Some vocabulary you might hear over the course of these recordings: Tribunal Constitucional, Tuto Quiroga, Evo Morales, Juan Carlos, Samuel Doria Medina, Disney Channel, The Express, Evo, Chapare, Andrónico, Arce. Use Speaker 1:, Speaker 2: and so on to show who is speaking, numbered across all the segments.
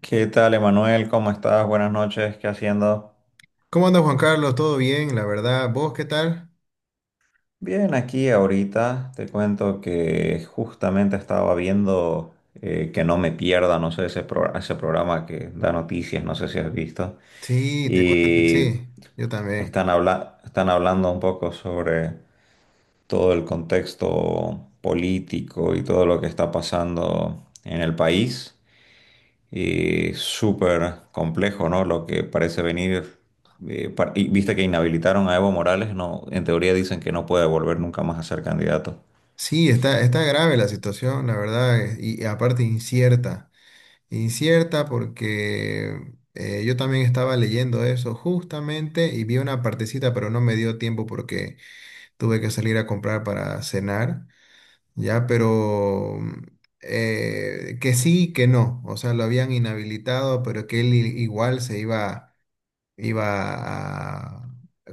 Speaker 1: ¿Qué tal, Emanuel? ¿Cómo estás? Buenas noches. ¿Qué haciendo?
Speaker 2: ¿Cómo anda Juan Carlos? ¿Todo bien? La verdad, ¿vos qué tal?
Speaker 1: Bien, aquí ahorita te cuento que justamente estaba viendo que no me pierda, no sé, ese, ese programa que da noticias, no sé si has visto.
Speaker 2: Sí, te cuento que
Speaker 1: Y
Speaker 2: sí, yo también.
Speaker 1: están, están hablando un poco sobre todo el contexto político y todo lo que está pasando en el país. Y súper complejo, ¿no? Lo que parece venir. Y viste que inhabilitaron a Evo Morales, no, en teoría dicen que no puede volver nunca más a ser candidato.
Speaker 2: Sí, está grave la situación, la verdad, y, aparte incierta. Incierta porque yo también estaba leyendo eso justamente y vi una partecita, pero no me dio tiempo porque tuve que salir a comprar para cenar, ya, pero que sí, que no. O sea, lo habían inhabilitado, pero que él igual se iba a.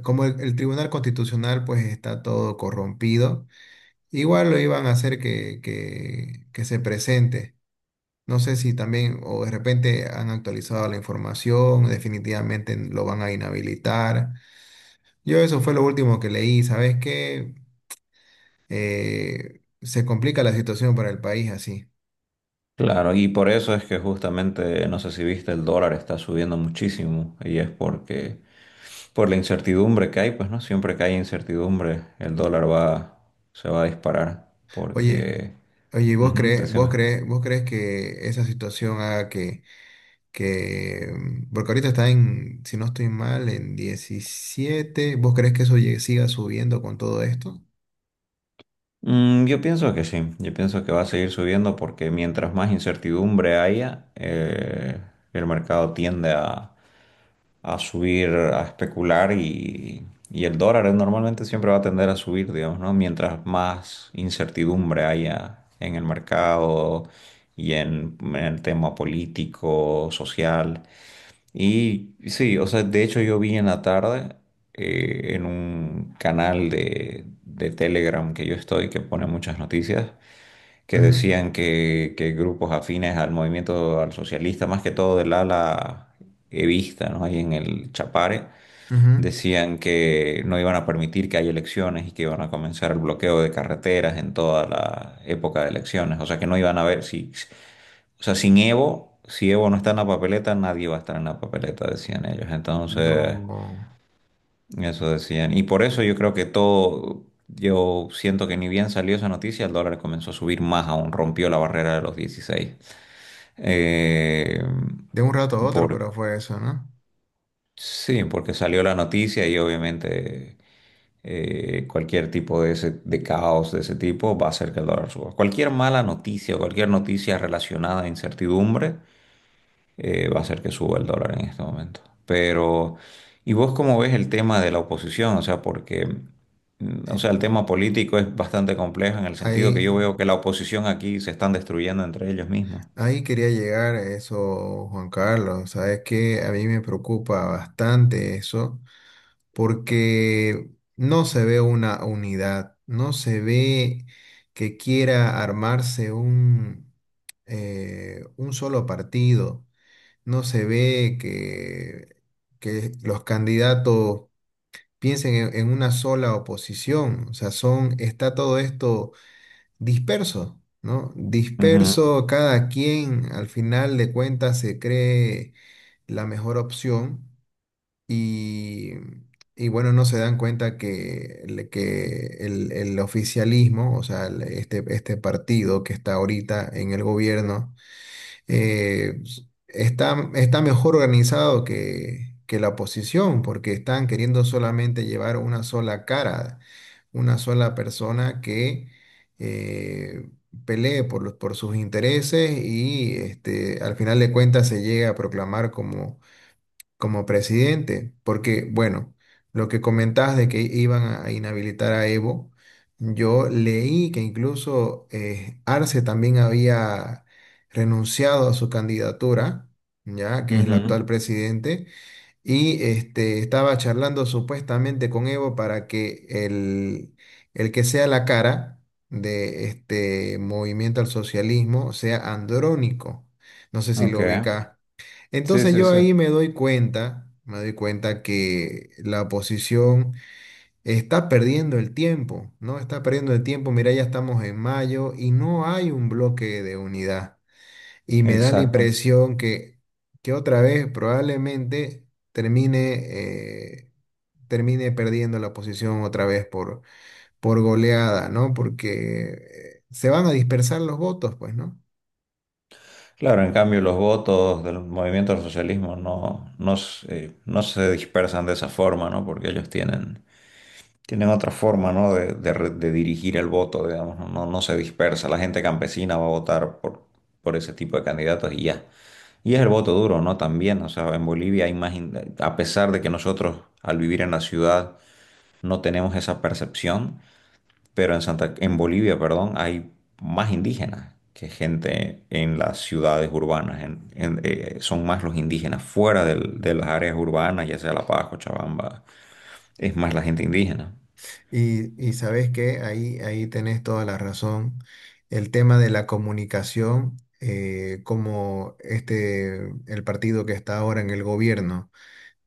Speaker 2: Como el Tribunal Constitucional pues está todo corrompido, igual lo iban a hacer que se presente. No sé si también o de repente han actualizado la información, definitivamente lo van a inhabilitar. Yo eso fue lo último que leí, ¿sabes qué? Se complica la situación para el país así.
Speaker 1: Claro, y por eso es que justamente, no sé si viste, el dólar está subiendo muchísimo y es porque por la incertidumbre que hay, pues no, siempre que hay incertidumbre, el dólar va, se va a disparar
Speaker 2: Oye,
Speaker 1: porque,
Speaker 2: oye, ¿vos
Speaker 1: ujú,
Speaker 2: crees, vos
Speaker 1: decime.
Speaker 2: crees, vos crees que esa situación haga que, porque ahorita está en, si no estoy mal, en 17? ¿Vos crees que eso siga subiendo con todo esto?
Speaker 1: Mm, yo pienso que sí, yo pienso que va a seguir subiendo porque mientras más incertidumbre haya, el mercado tiende a subir, a especular y el dólar normalmente siempre va a tender a subir, digamos, ¿no? Mientras más incertidumbre haya en el mercado y en el tema político, social. Y sí, o sea, de hecho yo vi en la tarde en un canal de Telegram que yo estoy, que pone muchas noticias, que
Speaker 2: Ujú,
Speaker 1: decían que grupos afines al movimiento al socialista, más que todo del ala evista, ¿no? Ahí en el Chapare,
Speaker 2: ujú.
Speaker 1: decían que no iban a permitir que haya elecciones y que iban a comenzar el bloqueo de carreteras en toda la época de elecciones. O sea que no iban a ver si, o sea, sin Evo, si Evo no está en la papeleta, nadie va a estar en la papeleta, decían ellos. Entonces,
Speaker 2: No,
Speaker 1: eso decían. Y por eso yo creo que todo, yo siento que ni bien salió esa noticia, el dólar comenzó a subir más aún, rompió la barrera de los 16. Eh,
Speaker 2: de un rato a otro,
Speaker 1: por,
Speaker 2: pero fue eso, ¿no?
Speaker 1: sí, porque salió la noticia y obviamente cualquier tipo de, de caos de ese tipo va a hacer que el dólar suba. Cualquier mala noticia, cualquier noticia relacionada a incertidumbre, va a hacer que suba el dólar en este momento. Pero, ¿y vos cómo ves el tema de la oposición? O sea, porque, mm, o
Speaker 2: Eh,
Speaker 1: sea, el
Speaker 2: eh,
Speaker 1: tema político es bastante complejo en el sentido que
Speaker 2: ahí,
Speaker 1: yo veo que la oposición aquí se están destruyendo entre ellos mismos.
Speaker 2: ahí quería llegar a eso, Juan Carlos. Sabes que a mí me preocupa bastante eso, porque no se ve una unidad, no se ve que quiera armarse un solo partido, no se ve que los candidatos piensen en una sola oposición, o sea, está todo esto disperso, ¿no?
Speaker 1: Ujú,
Speaker 2: Disperso, cada quien al final de cuentas se cree la mejor opción y, y bueno, no se dan cuenta que el oficialismo, o sea, este partido que está ahorita en el gobierno, eh, está mejor organizado que la oposición, porque están queriendo solamente llevar una sola cara, una sola persona que eh, pelee por sus intereses y este, al final de cuentas se llega a proclamar como presidente, porque, bueno, lo que comentabas de que iban a inhabilitar a Evo, yo leí que incluso Arce también había renunciado a su candidatura, ya que es el
Speaker 1: ujú.
Speaker 2: actual presidente, y este, estaba charlando supuestamente con Evo para que el que sea la cara de este movimiento al socialismo sea Andrónico. No sé si
Speaker 1: Ok.
Speaker 2: lo ubica.
Speaker 1: Sí,
Speaker 2: Entonces
Speaker 1: sí,
Speaker 2: yo
Speaker 1: sí.
Speaker 2: ahí me doy cuenta que la oposición está perdiendo el tiempo, ¿no? Está perdiendo el tiempo, mira, ya estamos en mayo y no hay un bloque de unidad. Y me da la
Speaker 1: Exacto.
Speaker 2: impresión que otra vez probablemente termine, eh, termine perdiendo la oposición otra vez por goleada, ¿no? Porque se van a dispersar los votos, pues, ¿no?
Speaker 1: Claro, en cambio los votos del movimiento del socialismo no, no, no se dispersan de esa forma, ¿no? Porque ellos tienen, tienen otra forma, ¿no? De, de dirigir el voto, digamos, ¿no? No, no se dispersa. La gente campesina va a votar por ese tipo de candidatos y ya. Y es el voto duro, ¿no? También, o sea, en Bolivia hay más, a pesar de que nosotros al vivir en la ciudad no tenemos esa percepción, pero en Santa, en Bolivia, perdón, hay más indígenas que gente en las ciudades urbanas. Son más los indígenas fuera de las áreas urbanas, ya sea La Paz, Cochabamba, es más la gente indígena.
Speaker 2: Y sabes que ahí tenés toda la razón. El tema de la comunicación, como este, el partido que está ahora en el gobierno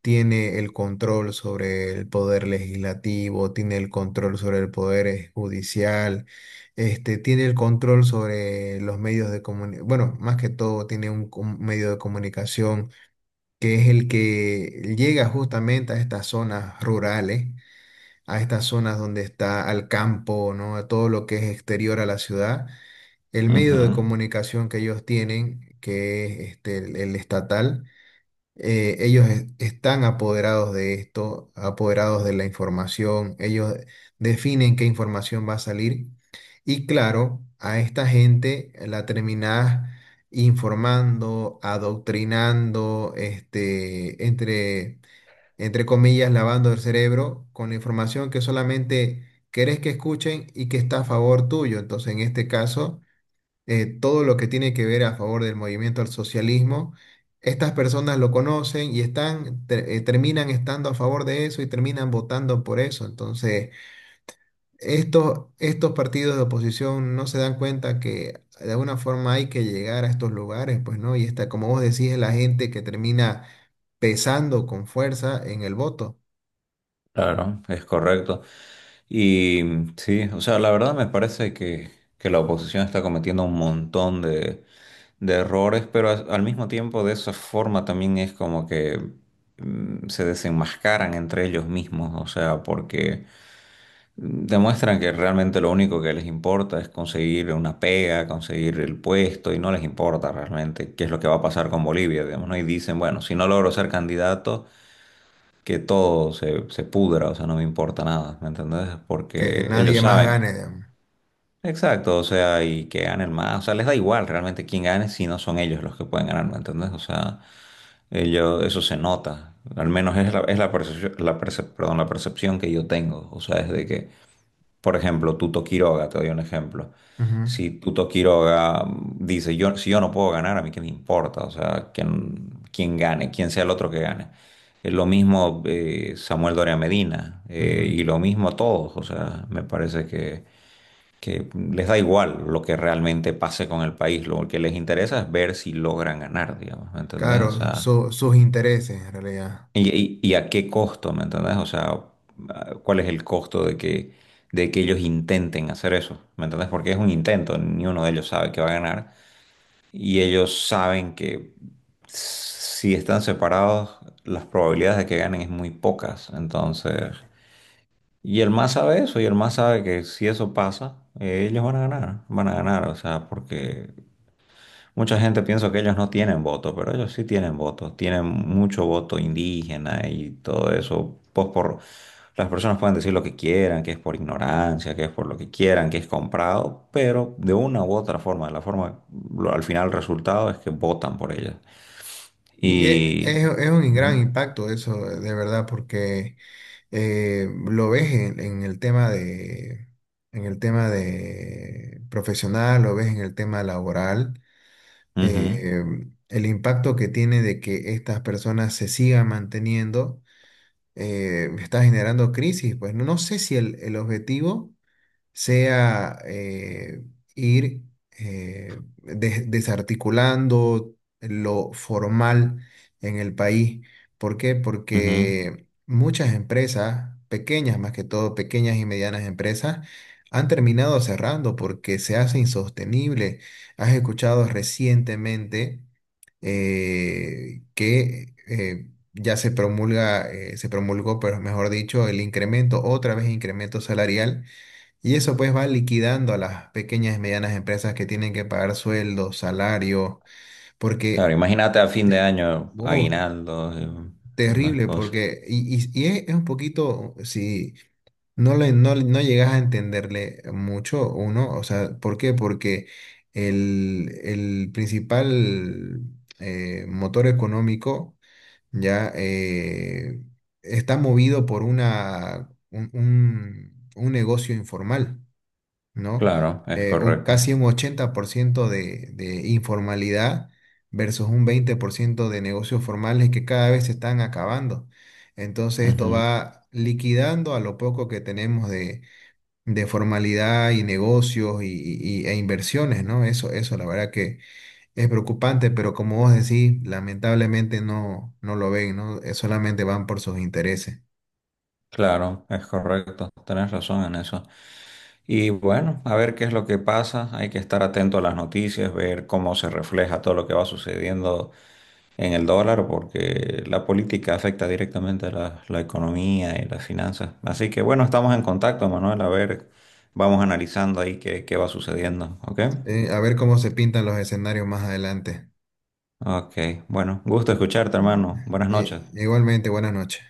Speaker 2: tiene el control sobre el poder legislativo, tiene el control sobre el poder judicial, este, tiene el control sobre los medios de comunicación, bueno, más que todo tiene un medio de comunicación que es el que llega justamente a estas zonas rurales a estas zonas donde está al campo, ¿no? A todo lo que es exterior a la ciudad. El medio de
Speaker 1: Ujú,
Speaker 2: comunicación que ellos tienen, que es este, el estatal, ellos están apoderados de esto, apoderados de la información, ellos definen qué información va a salir. Y claro, a esta gente la terminás informando, adoctrinando, este, entre comillas, lavando el cerebro con la información que solamente querés que escuchen y que está a favor tuyo. Entonces, en este caso, todo lo que tiene que ver a favor del movimiento al socialismo, estas personas lo conocen y terminan estando a favor de eso y terminan votando por eso. Entonces, estos partidos de oposición no se dan cuenta que de alguna forma hay que llegar a estos lugares, pues, ¿no? Y esta, como vos decís, es la gente que termina pesando con fuerza en el voto.
Speaker 1: claro, es correcto. Y sí, o sea, la verdad me parece que la oposición está cometiendo un montón de errores, pero al mismo tiempo de esa forma también es como que mm, se desenmascaran entre ellos mismos, o sea, porque demuestran que realmente lo único que les importa es conseguir una pega, conseguir el puesto y no les importa realmente qué es lo que va a pasar con Bolivia, digamos, ¿no? Y dicen, bueno, si no logro ser candidato, que todo se, se pudra, o sea, no me importa nada, ¿me entendés?
Speaker 2: Que
Speaker 1: Porque ellos
Speaker 2: nadie más
Speaker 1: saben,
Speaker 2: gane, digamos.
Speaker 1: exacto, o sea, y que ganen más, o sea, les da igual realmente quién gane si no son ellos los que pueden ganar, ¿me entendés? O sea, ellos, eso se nota, al menos es la percepción, la perdón, la percepción que yo tengo, o sea, es de que... Por ejemplo, Tuto Quiroga, te doy un ejemplo. Si Tuto Quiroga mm, dice, yo, si yo no puedo ganar, a mí qué me importa, o sea, quién, quién gane, quién sea el otro que gane. Es lo mismo Samuel Doria Medina
Speaker 2: Ujú, ujú.
Speaker 1: y lo mismo todos, o sea, me parece que les da igual lo que realmente pase con el país, lo que les interesa es ver si logran ganar, digamos, ¿me entendés? O
Speaker 2: Claro,
Speaker 1: sea,
Speaker 2: sus intereses en realidad.
Speaker 1: ¿y, y a qué costo, me entendés? O sea, ¿cuál es el costo de que ellos intenten hacer eso? ¿Me entendés? Porque es un intento, ni uno de ellos sabe que va a ganar. Y ellos saben que si están separados, las probabilidades de que ganen es muy pocas. Entonces, y el más sabe eso, y el más sabe que si eso pasa, ellos van a ganar, o sea, porque mucha gente piensa que ellos no tienen voto, pero ellos sí tienen voto, tienen mucho voto indígena y todo eso. Pues por las personas pueden decir lo que quieran, que es por ignorancia, que es por lo que quieran, que es comprado, pero de una u otra forma, de la forma, al final el resultado es que votan por ellas.
Speaker 2: Y e- es,
Speaker 1: Y
Speaker 2: es un
Speaker 1: ujú,
Speaker 2: gran impacto eso, de verdad, porque lo ves en el tema de, en el tema de profesional, lo ves en el tema laboral,
Speaker 1: ujú,
Speaker 2: eh, el impacto que tiene de que estas personas se sigan manteniendo está generando crisis. Pues no, no sé si el objetivo sea ir desarticulando lo formal en el país. ¿Por qué?
Speaker 1: ujú.
Speaker 2: Porque muchas empresas, pequeñas más que todo, pequeñas y medianas empresas, han terminado cerrando porque se hace insostenible. Has escuchado recientemente que ya se promulga, se promulgó, pero mejor dicho, el incremento, otra vez incremento salarial y eso pues va liquidando a las pequeñas y medianas empresas que tienen que pagar sueldos, salarios,
Speaker 1: Claro,
Speaker 2: porque
Speaker 1: imagínate a fin de
Speaker 2: eh,
Speaker 1: año
Speaker 2: oh,
Speaker 1: aguinaldos y más
Speaker 2: terrible,
Speaker 1: cosas.
Speaker 2: porque es un poquito, si no, no llegas a entenderle mucho uno, o sea, ¿por qué? Porque el principal motor económico ya está movido por un negocio informal. ¿No?
Speaker 1: Claro, es
Speaker 2: Eh, un,
Speaker 1: correcto.
Speaker 2: casi un 80% de informalidad versus un 20% de negocios formales que cada vez se están acabando. Entonces esto
Speaker 1: Ujú,
Speaker 2: va liquidando a lo poco que tenemos de formalidad y negocios e inversiones, ¿no? Eso la verdad que es preocupante, pero como vos decís, lamentablemente no lo ven, ¿no? Solamente van por sus intereses.
Speaker 1: claro, es correcto. Tenés razón en eso. Y bueno, a ver qué es lo que pasa. Hay que estar atento a las noticias, ver cómo se refleja todo lo que va sucediendo en el dólar, porque la política afecta directamente a la, la economía y las finanzas. Así que bueno, estamos en contacto, Manuel. A ver, vamos analizando ahí qué, qué va sucediendo. ¿Ok?
Speaker 2: A ver cómo se pintan los escenarios más adelante.
Speaker 1: Ok. Bueno, gusto escucharte,
Speaker 2: Mm.
Speaker 1: hermano. Buenas
Speaker 2: Eh,
Speaker 1: noches.
Speaker 2: igualmente, buenas noches.